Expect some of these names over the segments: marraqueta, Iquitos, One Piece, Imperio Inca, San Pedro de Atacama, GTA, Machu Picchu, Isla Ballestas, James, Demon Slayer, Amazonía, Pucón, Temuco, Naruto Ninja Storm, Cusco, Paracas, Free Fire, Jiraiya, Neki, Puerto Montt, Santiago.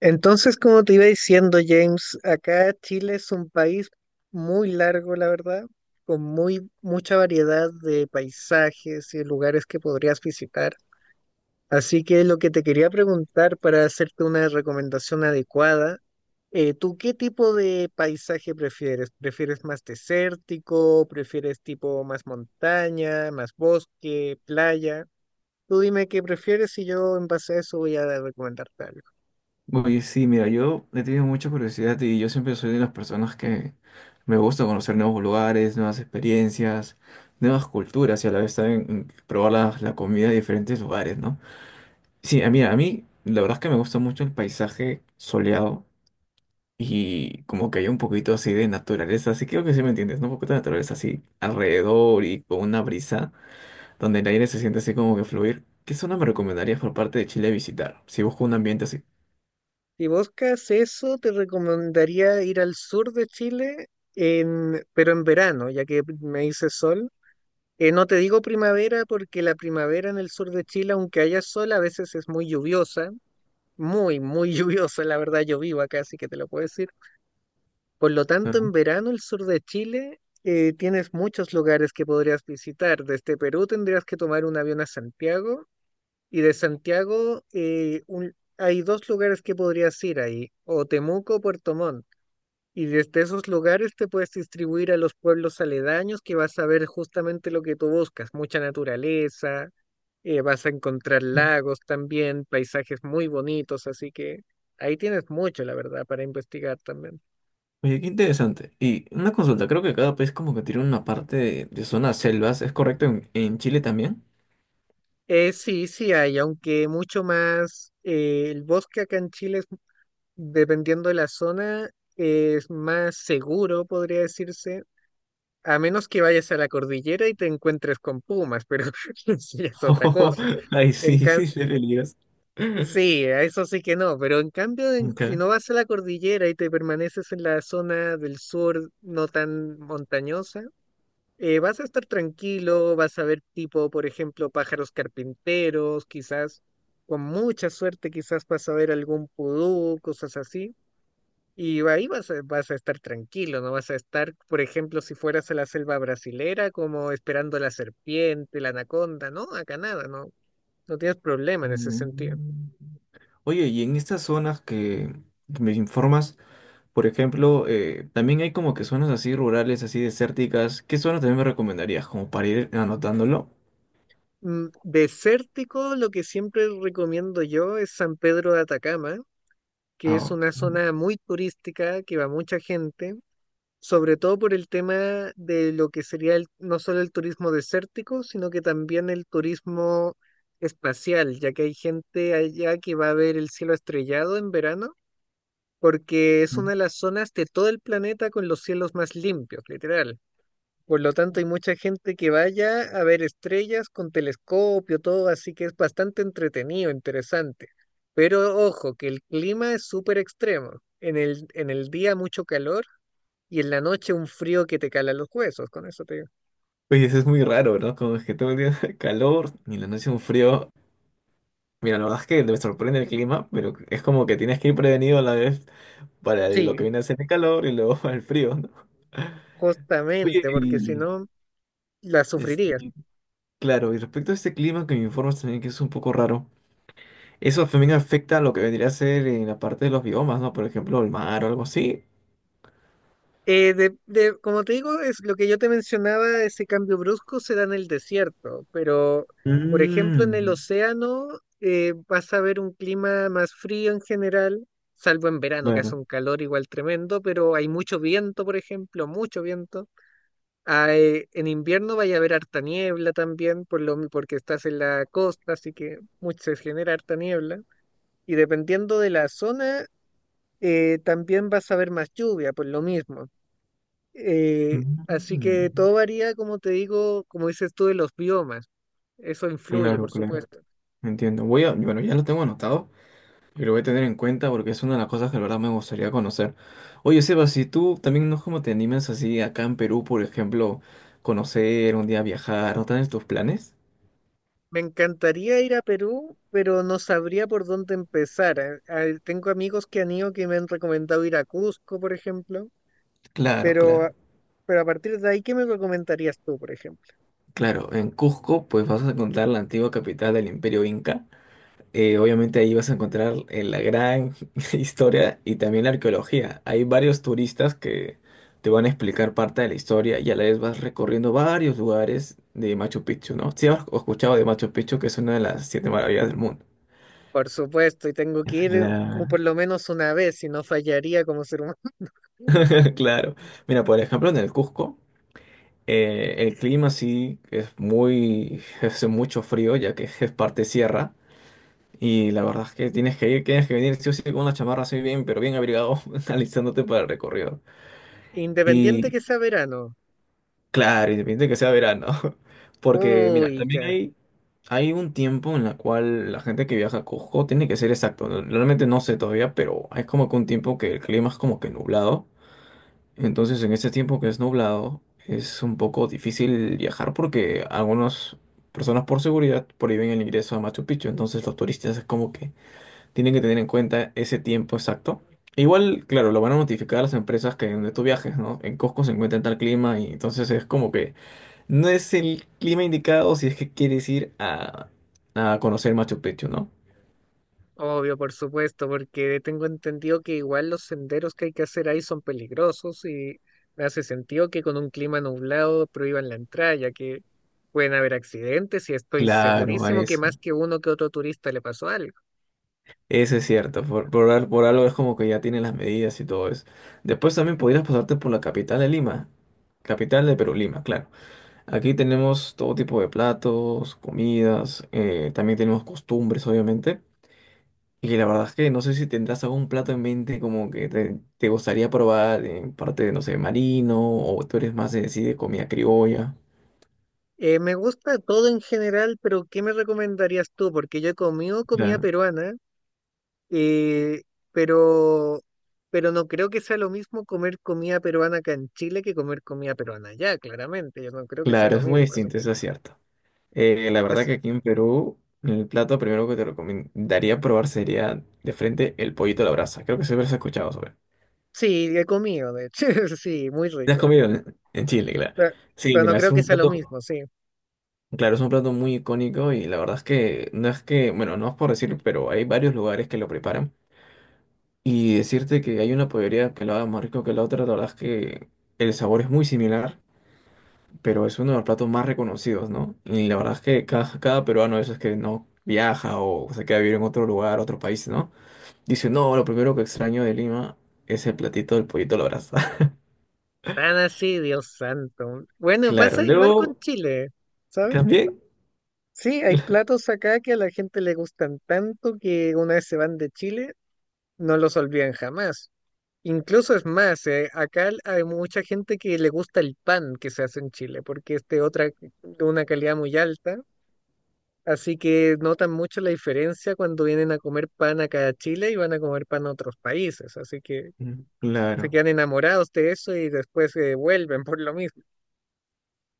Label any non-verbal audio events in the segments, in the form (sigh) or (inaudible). Entonces, como te iba diciendo, James, acá Chile es un país muy largo, la verdad, con muy mucha variedad de paisajes y lugares que podrías visitar. Así que lo que te quería preguntar para hacerte una recomendación adecuada, ¿tú qué tipo de paisaje prefieres? ¿Prefieres más desértico? ¿Prefieres tipo más montaña, más bosque, playa? Tú dime qué prefieres y yo en base a eso voy a recomendarte algo. Oye, sí, mira, yo he tenido mucha curiosidad y yo siempre soy de las personas que me gusta conocer nuevos lugares, nuevas experiencias, nuevas culturas y a la vez también probar la comida de diferentes lugares, ¿no? Sí, a mí la verdad es que me gusta mucho el paisaje soleado y como que hay un poquito así de naturaleza, así creo que sí me entiendes, ¿no? Un poquito de naturaleza así alrededor y con una brisa donde el aire se siente así como que fluir. ¿Qué zona me recomendarías por parte de Chile visitar si busco un ambiente así? Si buscas eso, te recomendaría ir al sur de Chile, pero en verano, ya que me dice sol. No te digo primavera porque la primavera en el sur de Chile, aunque haya sol, a veces es muy lluviosa, muy, muy (laughs) lluviosa, la verdad yo vivo acá, así que te lo puedo decir. Por lo tanto, Ajá. en verano el sur de Chile tienes muchos lugares que podrías visitar. Desde Perú tendrías que tomar un avión a Santiago y de Santiago hay dos lugares que podrías ir ahí, o Temuco o Puerto Montt. Y desde esos lugares te puedes distribuir a los pueblos aledaños que vas a ver justamente lo que tú buscas, mucha naturaleza, vas a encontrar lagos también, paisajes muy bonitos, así que ahí tienes mucho, la verdad, para investigar también. Oye, qué interesante. Y una consulta, creo que cada país como que tiene una parte de zonas selvas. ¿Es correcto en Chile también? Sí, sí hay, aunque mucho más, el bosque acá en Chile, dependiendo de la zona, es más seguro, podría decirse. A menos que vayas a la cordillera y te encuentres con pumas, pero (laughs) sí es otra cosa. (laughs) Ay, En sí, ca- sí, qué peligros. sí, a eso sí que no, pero en cambio, si Okay. no vas a la cordillera y te permaneces en la zona del sur no tan montañosa, vas a estar tranquilo, vas a ver tipo, por ejemplo, pájaros carpinteros, quizás con mucha suerte, quizás vas a ver algún pudú, cosas así. Y ahí vas a estar tranquilo, no vas a estar, por ejemplo, si fueras a la selva brasilera, como esperando la serpiente, la anaconda, ¿no? Acá nada, no, no tienes problema en ese sentido. Mm. Oye, y en estas zonas que me informas, por ejemplo, también hay como que zonas así rurales, así desérticas. ¿Qué zonas también me recomendarías? Como para ir anotándolo. Desértico, lo que siempre recomiendo yo es San Pedro de Atacama, que Ah, es ok. una zona muy turística que va mucha gente sobre todo por el tema de lo que sería no solo el turismo desértico, sino que también el turismo espacial, ya que hay gente allá que va a ver el cielo estrellado en verano, porque es una de las zonas de todo el planeta con los cielos más limpios, literal. Por lo tanto, hay mucha gente que vaya a ver estrellas con telescopio, todo, así que es bastante entretenido, interesante. Pero ojo, que el clima es súper extremo. En el día mucho calor y en la noche un frío que te cala los huesos, con eso te digo. Oye, eso es muy raro, ¿no? Como es que todo el día (laughs) calor y la noche un frío. Mira, la verdad es que me sorprende el clima, pero es como que tienes que ir prevenido a la vez para lo Sí, que viene a ser el calor y luego (laughs) el frío, ¿no? Oye, justamente, porque si y, no, la sufrirías. este, claro, y respecto a este clima que me informas también que es un poco raro, eso también afecta a lo que vendría a ser en la parte de los biomas, ¿no? Por ejemplo, el mar o algo así. Como te digo, es lo que yo te mencionaba, ese cambio brusco se da en el desierto, pero, por ejemplo, en el Mm, océano vas a ver un clima más frío en general, salvo en verano, que hace claro. un calor igual tremendo, pero hay mucho viento, por ejemplo, mucho viento. En invierno vaya a haber harta niebla también, porque estás en la costa, así que mucho se genera harta niebla. Y dependiendo de la zona, también vas a ver más lluvia, por lo mismo. Así que Mm, todo varía, como te digo, como dices tú, de los biomas. Eso influye, por claro, claro. supuesto. Entiendo. Voy a, bueno, ya lo tengo anotado. Y lo voy a tener en cuenta porque es una de las cosas que la verdad me gustaría conocer. Oye, Seba, si tú también no es como te animas así acá en Perú, por ejemplo, conocer, un día viajar, ¿no tienes tus planes? Me encantaría ir a Perú, pero no sabría por dónde empezar. Tengo amigos que han ido que me han recomendado ir a Cusco, por ejemplo, Claro, pero... claro. Pero a partir de ahí, ¿qué me recomendarías tú, por ejemplo? Claro, en Cusco pues vas a encontrar la antigua capital del Imperio Inca. Obviamente ahí vas a encontrar la gran (laughs) historia y también la arqueología. Hay varios turistas que te van a explicar parte de la historia y a la vez vas recorriendo varios lugares de Machu Picchu, ¿no? Si has escuchado de Machu Picchu, que es una de las siete maravillas del mundo. Por supuesto, y tengo que ir Claro. por lo menos una vez, si no fallaría como ser humano. (laughs) Claro. Mira, por ejemplo, en el Cusco, el clima sí es muy, (laughs) hace mucho frío, ya que es parte sierra. Y la verdad es que tienes que ir, tienes que venir sí o sí con una chamarra así bien, pero bien abrigado, (laughs) alistándote para el recorrido. (laughs) Independiente Y que sea verano. claro, independiente de que sea verano, (laughs) porque mira, Uy, también ya. hay un tiempo en la cual la gente que viaja a Cusco tiene que ser exacto. Realmente no sé todavía, pero es como que un tiempo que el clima es como que nublado. Entonces, en este tiempo que es nublado, es un poco difícil viajar porque algunas personas por seguridad prohíben el ingreso a Machu Picchu. Entonces, los turistas es como que tienen que tener en cuenta ese tiempo exacto. Igual, claro, lo van a notificar a las empresas que donde tú viajes, ¿no? En Cusco se encuentra en tal clima y entonces es como que no es el clima indicado si es que quieres ir a conocer Machu Picchu, ¿no? Obvio, por supuesto, porque tengo entendido que igual los senderos que hay que hacer ahí son peligrosos y me hace sentido que con un clima nublado prohíban la entrada, ya que pueden haber accidentes y estoy Claro, a segurísimo que eso. más que uno que otro turista le pasó algo. Eso es cierto. Por algo es como que ya tienen las medidas y todo eso. Después también podrías pasarte por la capital de Lima. Capital de Perú, Lima, claro. Aquí tenemos todo tipo de platos, comidas, también tenemos costumbres, obviamente. Y la verdad es que no sé si tendrás algún plato en mente como que te gustaría probar en parte de, no sé, marino, o tú eres más de, sí, de comida criolla. Me gusta todo en general, pero ¿qué me recomendarías tú? Porque yo he comido comida Claro. peruana. Eh, pero, pero no creo que sea lo mismo comer comida peruana acá en Chile que comer comida peruana allá, claramente. Yo no creo que sea Claro, lo es muy mismo. Distinto, eso es cierto. La verdad as- que aquí en Perú, el plato primero que te recomendaría probar sería de frente el pollito a la brasa. Creo que siempre has escuchado sobre. sí, he comido, de hecho, (laughs) sí, muy ¿Te has rico. comido en Chile, claro? Pero, Sí, pero no mira, es creo que un sea lo plato, mismo, sí. claro, es un plato muy icónico y la verdad es que no es que, bueno, no es por decir, pero hay varios lugares que lo preparan. Y decirte que hay una pollería que lo haga más rico que la otra, la verdad es que el sabor es muy similar, pero es uno de los platos más reconocidos, ¿no? Y la verdad es que cada peruano de esos que no viaja o se queda a vivir en otro lugar, otro país, ¿no? Dice, no, lo primero que extraño de Lima es el platito del pollito a la brasa. (laughs) Tan así, Dios santo. Bueno, Claro, pasa igual con luego Chile, ¿sabes? también. Sí, hay platos acá que a la gente le gustan tanto que una vez se van de Chile, no los olvidan jamás. Incluso es más, acá hay mucha gente que le gusta el pan que se hace en Chile, porque es de de una calidad muy alta, así que notan mucho la diferencia cuando vienen a comer pan acá a Chile y van a comer pan a otros países, así que Mm, se claro. quedan enamorados de eso y después se vuelven por lo mismo.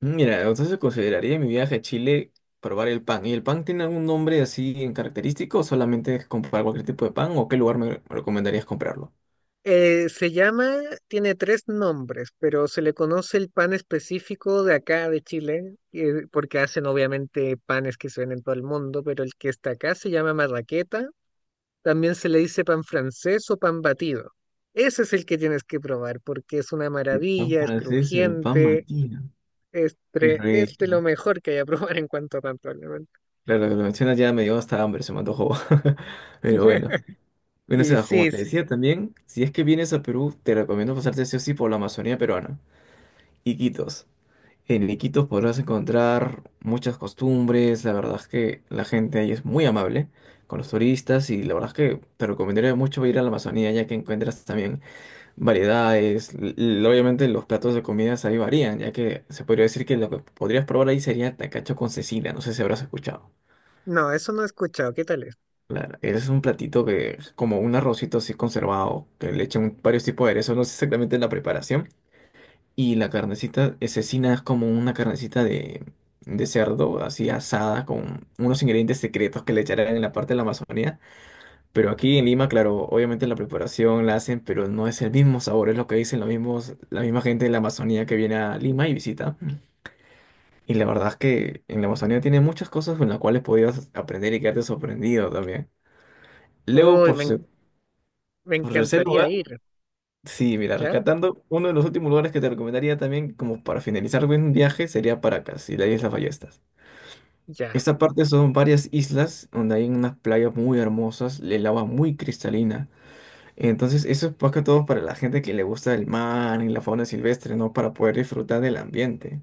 Mira, entonces consideraría mi viaje a Chile probar el pan. ¿Y el pan tiene algún nombre así en característico o solamente es comprar cualquier tipo de pan o qué lugar me recomendarías comprarlo? Eh, se llama, Tiene tres nombres, pero se le conoce el pan específico de acá de Chile, porque hacen obviamente panes que se ven en todo el mundo, pero el que está acá se llama marraqueta. También se le dice pan francés o pan batido. Ese es el que tienes que probar porque es una El pan maravilla, es francés, el pan crujiente, matino. Qué es de lo rico. mejor que hay a (laughs) probar en cuanto a pan, probablemente. Claro, lo mencionas ya me dio hasta hambre, se me antojó. (laughs) Pero bueno. (laughs) Bueno, Y Sebas, como sí, te sí. decía también, si es que vienes a Perú, te recomiendo pasarte sí o sí por la Amazonía peruana. Iquitos. En Iquitos podrás encontrar muchas costumbres, la verdad es que la gente ahí es muy amable con los turistas y la verdad es que te recomendaría mucho ir a la Amazonía ya que encuentras también variedades, obviamente los platos de comidas ahí varían ya que se podría decir que lo que podrías probar ahí sería tacacho con cecina, no sé si habrás escuchado. No, eso no he escuchado. ¿Qué tal es? Claro, es un platito que es como un arrocito así conservado, que le echan varios tipos de aderezos, no sé exactamente la preparación, y la carnecita cecina es como una carnecita de cerdo, así asada, con unos ingredientes secretos que le echarán en la parte de la Amazonía. Pero aquí en Lima, claro, obviamente la preparación la hacen, pero no es el mismo sabor, es lo que dicen los mismos, la misma gente de la Amazonía que viene a Lima y visita. Y la verdad es que en la Amazonía tiene muchas cosas con las cuales podías aprender y quedarte sorprendido también. Luego, Uy, por, me, en- se- Me por tercer encantaría lugar, ir. sí, mira, ¿Ya? rescatando, uno de los últimos lugares que te recomendaría también, como para finalizar un viaje, sería Paracas y la Isla Ballestas. Ya. Esta parte son varias islas donde hay unas playas muy hermosas, el agua muy cristalina. Entonces, eso es más que todo para la gente que le gusta el mar y la fauna silvestre, ¿no? Para poder disfrutar del ambiente.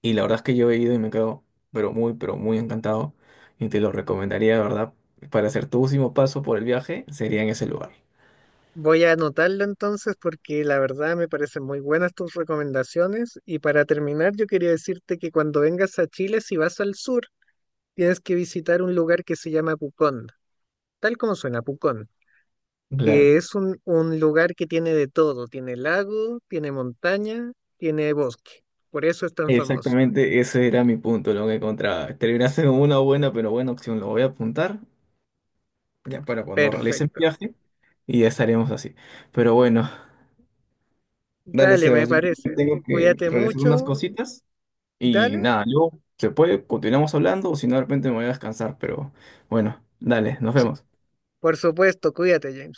Y la verdad es que yo he ido y me quedo, pero muy encantado. Y te lo recomendaría, de verdad, para hacer tu último paso por el viaje, sería en ese lugar. Voy a anotarlo entonces porque la verdad me parecen muy buenas tus recomendaciones. Y para terminar, yo quería decirte que cuando vengas a Chile, si vas al sur, tienes que visitar un lugar que se llama Pucón, tal como suena Pucón. Claro. Que es un lugar que tiene de todo, tiene lago, tiene montaña, tiene bosque. Por eso es tan famoso. Exactamente, ese era mi punto, lo que encontraba. Terminaste con una buena, pero buena opción. Lo voy a apuntar ya para cuando realice el Perfecto. viaje y ya estaremos así. Pero bueno, dale, Dale, me Sebas. Yo parece. tengo que Cuídate realizar unas mucho. cositas y Dale. nada, luego se puede, continuamos hablando o si no, de repente me voy a descansar. Pero bueno, dale, nos Sí, vemos. por supuesto, cuídate, Jane.